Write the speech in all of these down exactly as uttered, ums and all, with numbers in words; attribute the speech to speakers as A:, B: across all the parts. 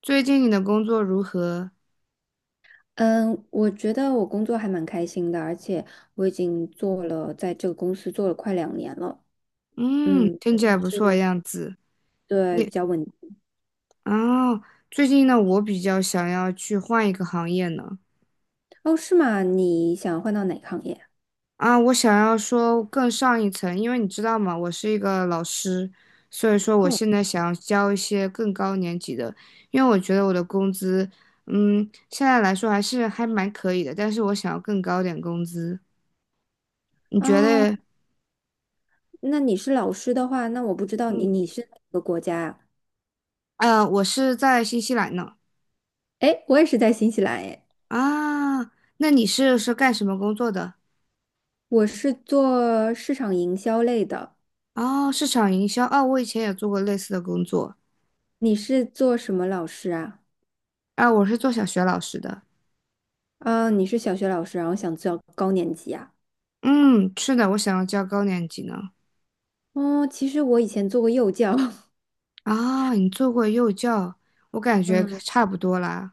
A: 最近你的工作如何？
B: 嗯，我觉得我工作还蛮开心的，而且我已经做了，在这个公司做了快两年了。
A: 嗯，
B: 嗯，
A: 听
B: 觉
A: 起
B: 得
A: 来不错的
B: 是
A: 样子。
B: 对，比
A: 你
B: 较稳。
A: 啊，最近呢，我比较想要去换一个行业呢。
B: 哦，是吗？你想换到哪个行业？
A: 啊，我想要说更上一层，因为你知道吗，我是一个老师，所以说我
B: 哦，
A: 现在想要教一些更高年级的，因为我觉得我的工资，嗯，现在来说还是还蛮可以的，但是我想要更高点工资。你觉
B: 哦，
A: 得？
B: 那你是老师的话，那我不知道你
A: 嗯，
B: 你是哪个国家啊？
A: 呃，我是在新西兰呢。
B: 哎，我也是在新西兰哎，
A: 啊，那你是是干什么工作的？
B: 我是做市场营销类的。
A: 哦，市场营销，哦，我以前也做过类似的工作，
B: 你是做什么老师啊？
A: 啊，我是做小学老师的，
B: 啊，你是小学老师，然后想教高年级啊？
A: 嗯，是的，我想要教高年级呢。
B: 哦，其实我以前做过幼教。
A: 啊，你做过幼教，我感觉
B: 嗯。
A: 差不多啦。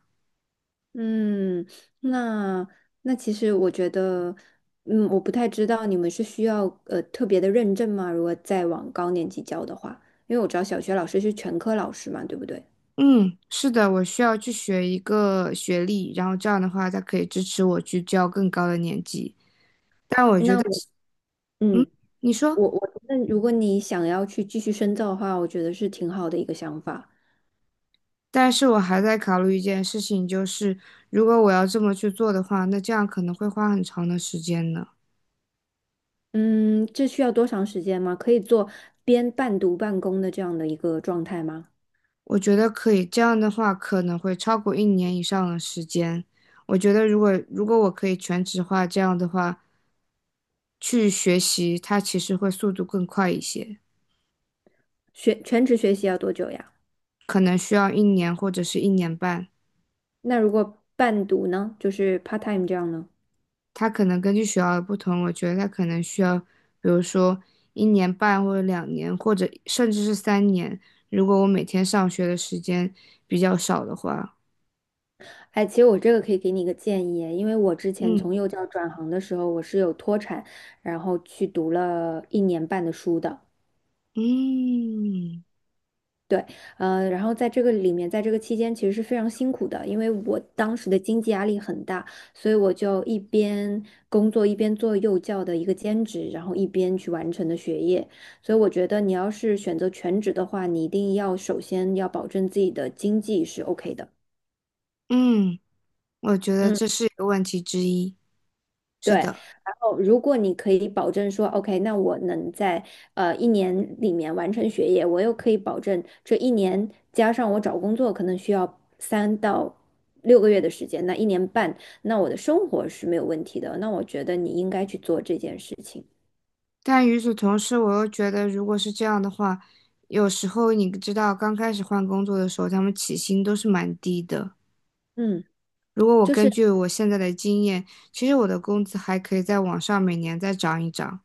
B: 嗯，那那其实我觉得，嗯，我不太知道你们是需要呃特别的认证吗？如果再往高年级教的话，因为我知道小学老师是全科老师嘛，对不对？
A: 嗯，是的，我需要去学一个学历，然后这样的话，才可以支持我去教更高的年级。
B: 那我，
A: 嗯，
B: 嗯，
A: 你说，
B: 我我那如果你想要去继续深造的话，我觉得是挺好的一个想法。
A: 但是我还在考虑一件事情，就是如果我要这么去做的话，那这样可能会花很长的时间呢。
B: 嗯，这需要多长时间吗？可以做边半读半工的这样的一个状态吗？
A: 我觉得可以，这样的话可能会超过一年以上的时间。我觉得如果如果我可以全职化，这样的话去学习，它其实会速度更快一些，
B: 学全职学习要多久呀？
A: 可能需要一年或者是一年半。
B: 那如果半读呢，就是 part time 这样呢？
A: 它可能根据学校的不同，我觉得它可能需要，比如说一年半或者两年，或者甚至是三年。如果我每天上学的时间比较少的话，
B: 哎，其实我这个可以给你一个建议，因为我之前从幼
A: 嗯
B: 教转行的时候，我是有脱产，然后去读了一年半的书的。
A: 嗯
B: 对，呃，然后在这个里面，在这个期间其实是非常辛苦的，因为我当时的经济压力很大，所以我就一边工作一边做幼教的一个兼职，然后一边去完成的学业。所以我觉得你要是选择全职的话，你一定要首先要保证自己的经济是 OK 的。
A: 嗯。我觉得
B: 嗯。
A: 这是一个问题之一。
B: 对，
A: 是
B: 然
A: 的，
B: 后如果你可以保证说，OK，那我能在呃一年里面完成学业，我又可以保证这一年加上我找工作可能需要三到六个月的时间，那一年半，那我的生活是没有问题的。那我觉得你应该去做这件事情。
A: 但与此同时，我又觉得，如果是这样的话，有时候你知道，刚开始换工作的时候，他们起薪都是蛮低的。
B: 嗯，
A: 如果我
B: 就是
A: 根据我现在的经验，其实我的工资还可以再往上，每年再涨一涨，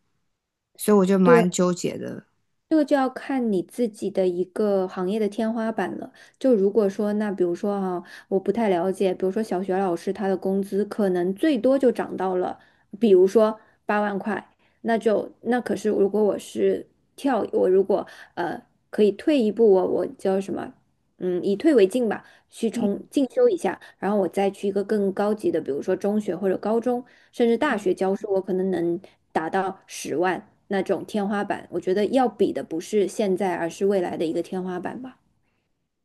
A: 所以我就
B: 对，
A: 蛮纠结的。
B: 这个就要看你自己的一个行业的天花板了。就如果说，那比如说哈、我不太了解，比如说小学老师他的工资可能最多就涨到了，比如说八万块，那就那可是如果我是跳，我如果呃可以退一步，我我叫什么，嗯，以退为进吧。去重进修一下，然后我再去一个更高级的，比如说中学或者高中，甚至大学教书，我可能能达到十万那种天花板。我觉得要比的不是现在，而是未来的一个天花板吧。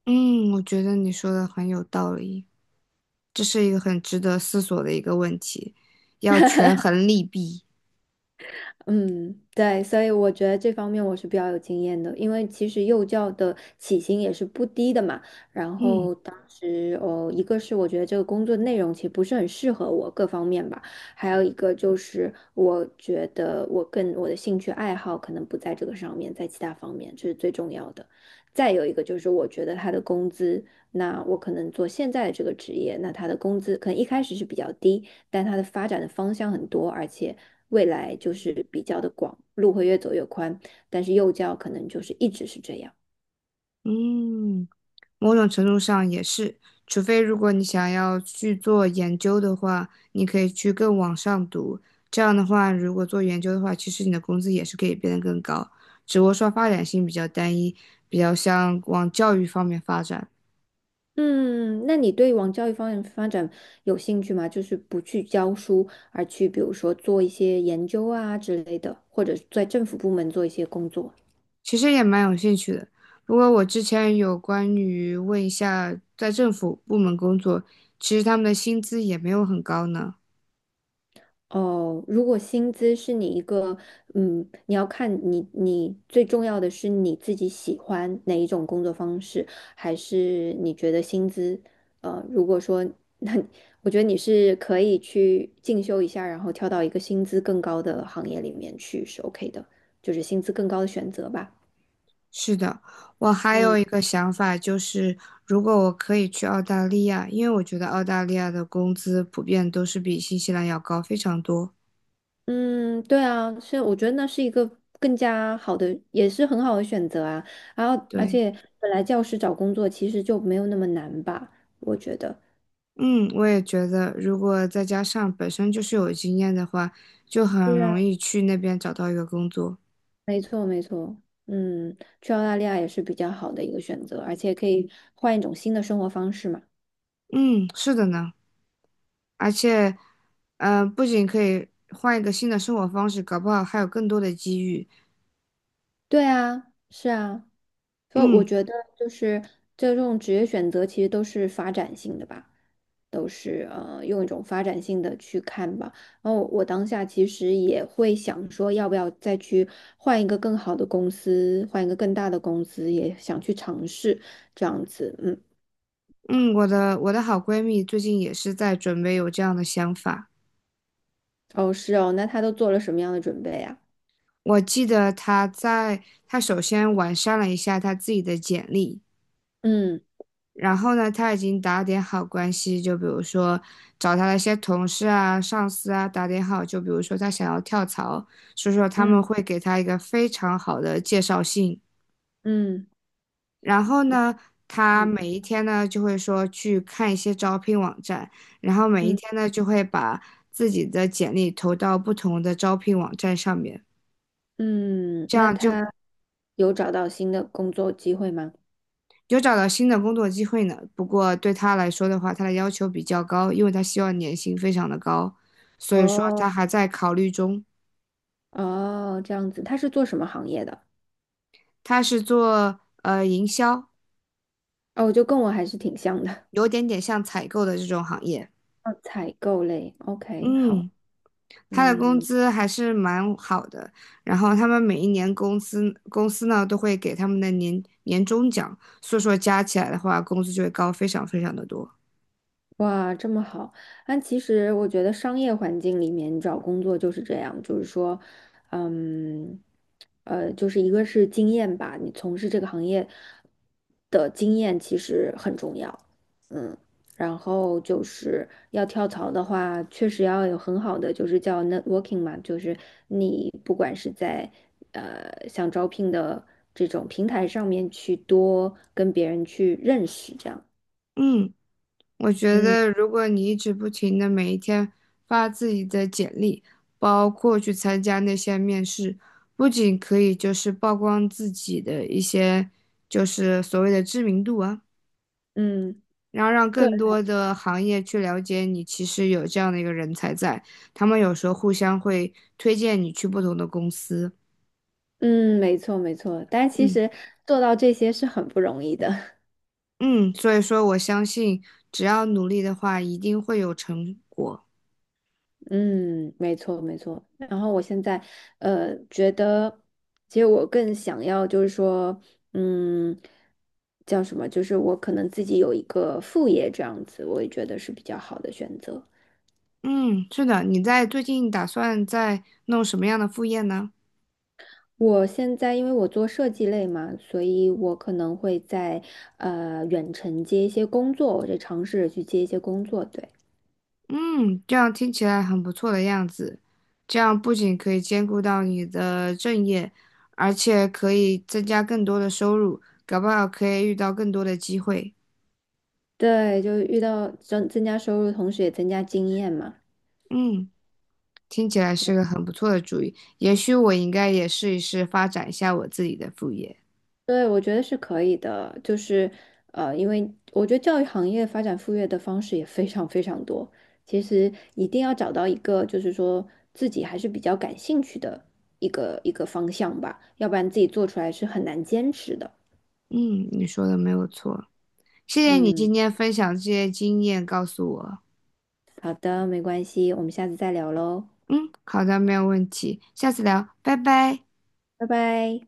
A: 嗯，我觉得你说的很有道理，这是一个很值得思索的一个问题，要权衡利弊。
B: 嗯，对，所以我觉得这方面我是比较有经验的，因为其实幼教的起薪也是不低的嘛。然
A: 嗯
B: 后当时，哦，一个是我觉得这个工作内容其实不是很适合我各方面吧，还有一个就是我觉得我跟我的兴趣爱好可能不在这个上面，在其他方面这是最重要的。再有一个就是我觉得他的工资，那我可能做现在的这个职业，那他的工资可能一开始是比较低，但他的发展的方向很多，而且。未来就是比较的广，路会越走越宽，但是幼教可能就是一直是这样。
A: 嗯。某种程度上也是，除非如果你想要去做研究的话，你可以去更往上读。这样的话，如果做研究的话，其实你的工资也是可以变得更高，只不过说发展性比较单一，比较像往教育方面发展。
B: 嗯，那你对往教育方面发展有兴趣吗？就是不去教书，而去比如说做一些研究啊之类的，或者在政府部门做一些工作。
A: 其实也蛮有兴趣的。不过我之前有关于问一下在政府部门工作，其实他们的薪资也没有很高呢。
B: 哦，如果薪资是你一个，嗯，你要看你你最重要的是你自己喜欢哪一种工作方式，还是你觉得薪资，呃，如果说 那我觉得你是可以去进修一下，然后跳到一个薪资更高的行业里面去是 OK 的，就是薪资更高的选择吧。
A: 是的，我还
B: 嗯，
A: 有一个想法，就是如果我可以去澳大利亚，因为我觉得澳大利亚的工资普遍都是比新西兰要高非常多。
B: 嗯，对啊，所以我觉得那是一个更加好的，也是很好的选择啊。然后，而
A: 对，
B: 且本来教师找工作其实就没有那么难吧，我觉得。
A: 嗯，我也觉得，如果再加上本身就是有经验的话，就很
B: 对啊，
A: 容易去那边找到一个工作。
B: 没错，没错。嗯，去澳大利亚也是比较好的一个选择，而且可以换一种新的生活方式嘛。
A: 嗯，是的呢，而且，呃，不仅可以换一个新的生活方式，搞不好还有更多的机遇。
B: 对啊，是啊，所以我
A: 嗯
B: 觉得就是这种职业选择其实都是发展性的吧，都是呃用一种发展性的去看吧。然后我当下其实也会想说，要不要再去换一个更好的公司，换一个更大的公司，也想去尝试这样子。嗯，
A: 嗯，我的我的好闺蜜最近也是在准备有这样的想法。
B: 哦，是哦，那他都做了什么样的准备啊？
A: 我记得他在他首先完善了一下他自己的简历，
B: 嗯
A: 然后呢，他已经打点好关系，就比如说找他的一些同事啊、上司啊打点好，就比如说他想要跳槽，所以说他们
B: 嗯
A: 会给他一个非常好的介绍信。
B: 嗯，
A: 然后
B: 那
A: 呢，他
B: 嗯
A: 每一天呢就会说去看一些招聘网站，然后每一
B: 嗯
A: 天呢就会把自己的简历投到不同的招聘网站上面，
B: 嗯，嗯
A: 这
B: 那
A: 样就
B: 他有找到新的工作机会吗？
A: 有找到新的工作机会呢，不过对他来说的话，他的要求比较高，因为他希望年薪非常的高，所以说
B: 哦。
A: 他还在考虑中。
B: 哦，这样子，他是做什么行业的？
A: 他是做呃营销，
B: 哦，就跟我还是挺像的，
A: 有点点像采购的这种行业。
B: 哦，采购类。OK，好，
A: 嗯，他的工
B: 嗯，
A: 资还是蛮好的，然后他们每一年公司公司呢都会给他们的年年终奖，所以说加起来的话，工资就会高非常非常的多。
B: 哇，这么好！但其实我觉得商业环境里面找工作就是这样，就是说，嗯，呃，就是一个是经验吧，你从事这个行业的经验其实很重要，嗯，然后就是要跳槽的话，确实要有很好的就是叫 networking 嘛，就是你不管是在呃想招聘的这种平台上面去多跟别人去认识，这样，
A: 嗯。我觉
B: 嗯
A: 得，如果你一直不停的每一天发自己的简历，包括去参加那些面试，不仅可以就是曝光自己的一些就是所谓的知名度啊，
B: 嗯。
A: 然后让
B: 个。
A: 更多的行业去了解你，其实有这样的一个人才在，他们有时候互相会推荐你去不同的公司。
B: 嗯，没错没错，但其
A: 嗯
B: 实做到这些是很不容易的。
A: 嗯，所以说我相信，只要努力的话，一定会有成果。
B: 嗯，没错没错。然后我现在呃觉得，其实我更想要就是说，嗯，叫什么？就是我可能自己有一个副业这样子，我也觉得是比较好的选择。
A: 嗯，是的，你在最近打算在弄什么样的副业呢？
B: 我现在因为我做设计类嘛，所以我可能会在呃远程接一些工作，我就尝试着去接一些工作，对。
A: 嗯，这样听起来很不错的样子。这样不仅可以兼顾到你的正业，而且可以增加更多的收入，搞不好可以遇到更多的机会。
B: 对，就遇到增增加收入，同时也增加经验嘛。
A: 嗯，听起来是个很不错的主意，也许我应该也试一试发展一下我自己的副业。
B: 对，我觉得是可以的，就是呃，因为我觉得教育行业发展副业的方式也非常非常多。其实一定要找到一个，就是说自己还是比较感兴趣的一个一个方向吧，要不然自己做出来是很难坚持的。
A: 嗯，你说的没有错，谢谢你
B: 嗯，
A: 今天分享这些经验告诉我。
B: 好的，没关系，我们下次再聊喽，
A: 嗯，好的，没有问题，下次聊，拜拜。
B: 拜拜。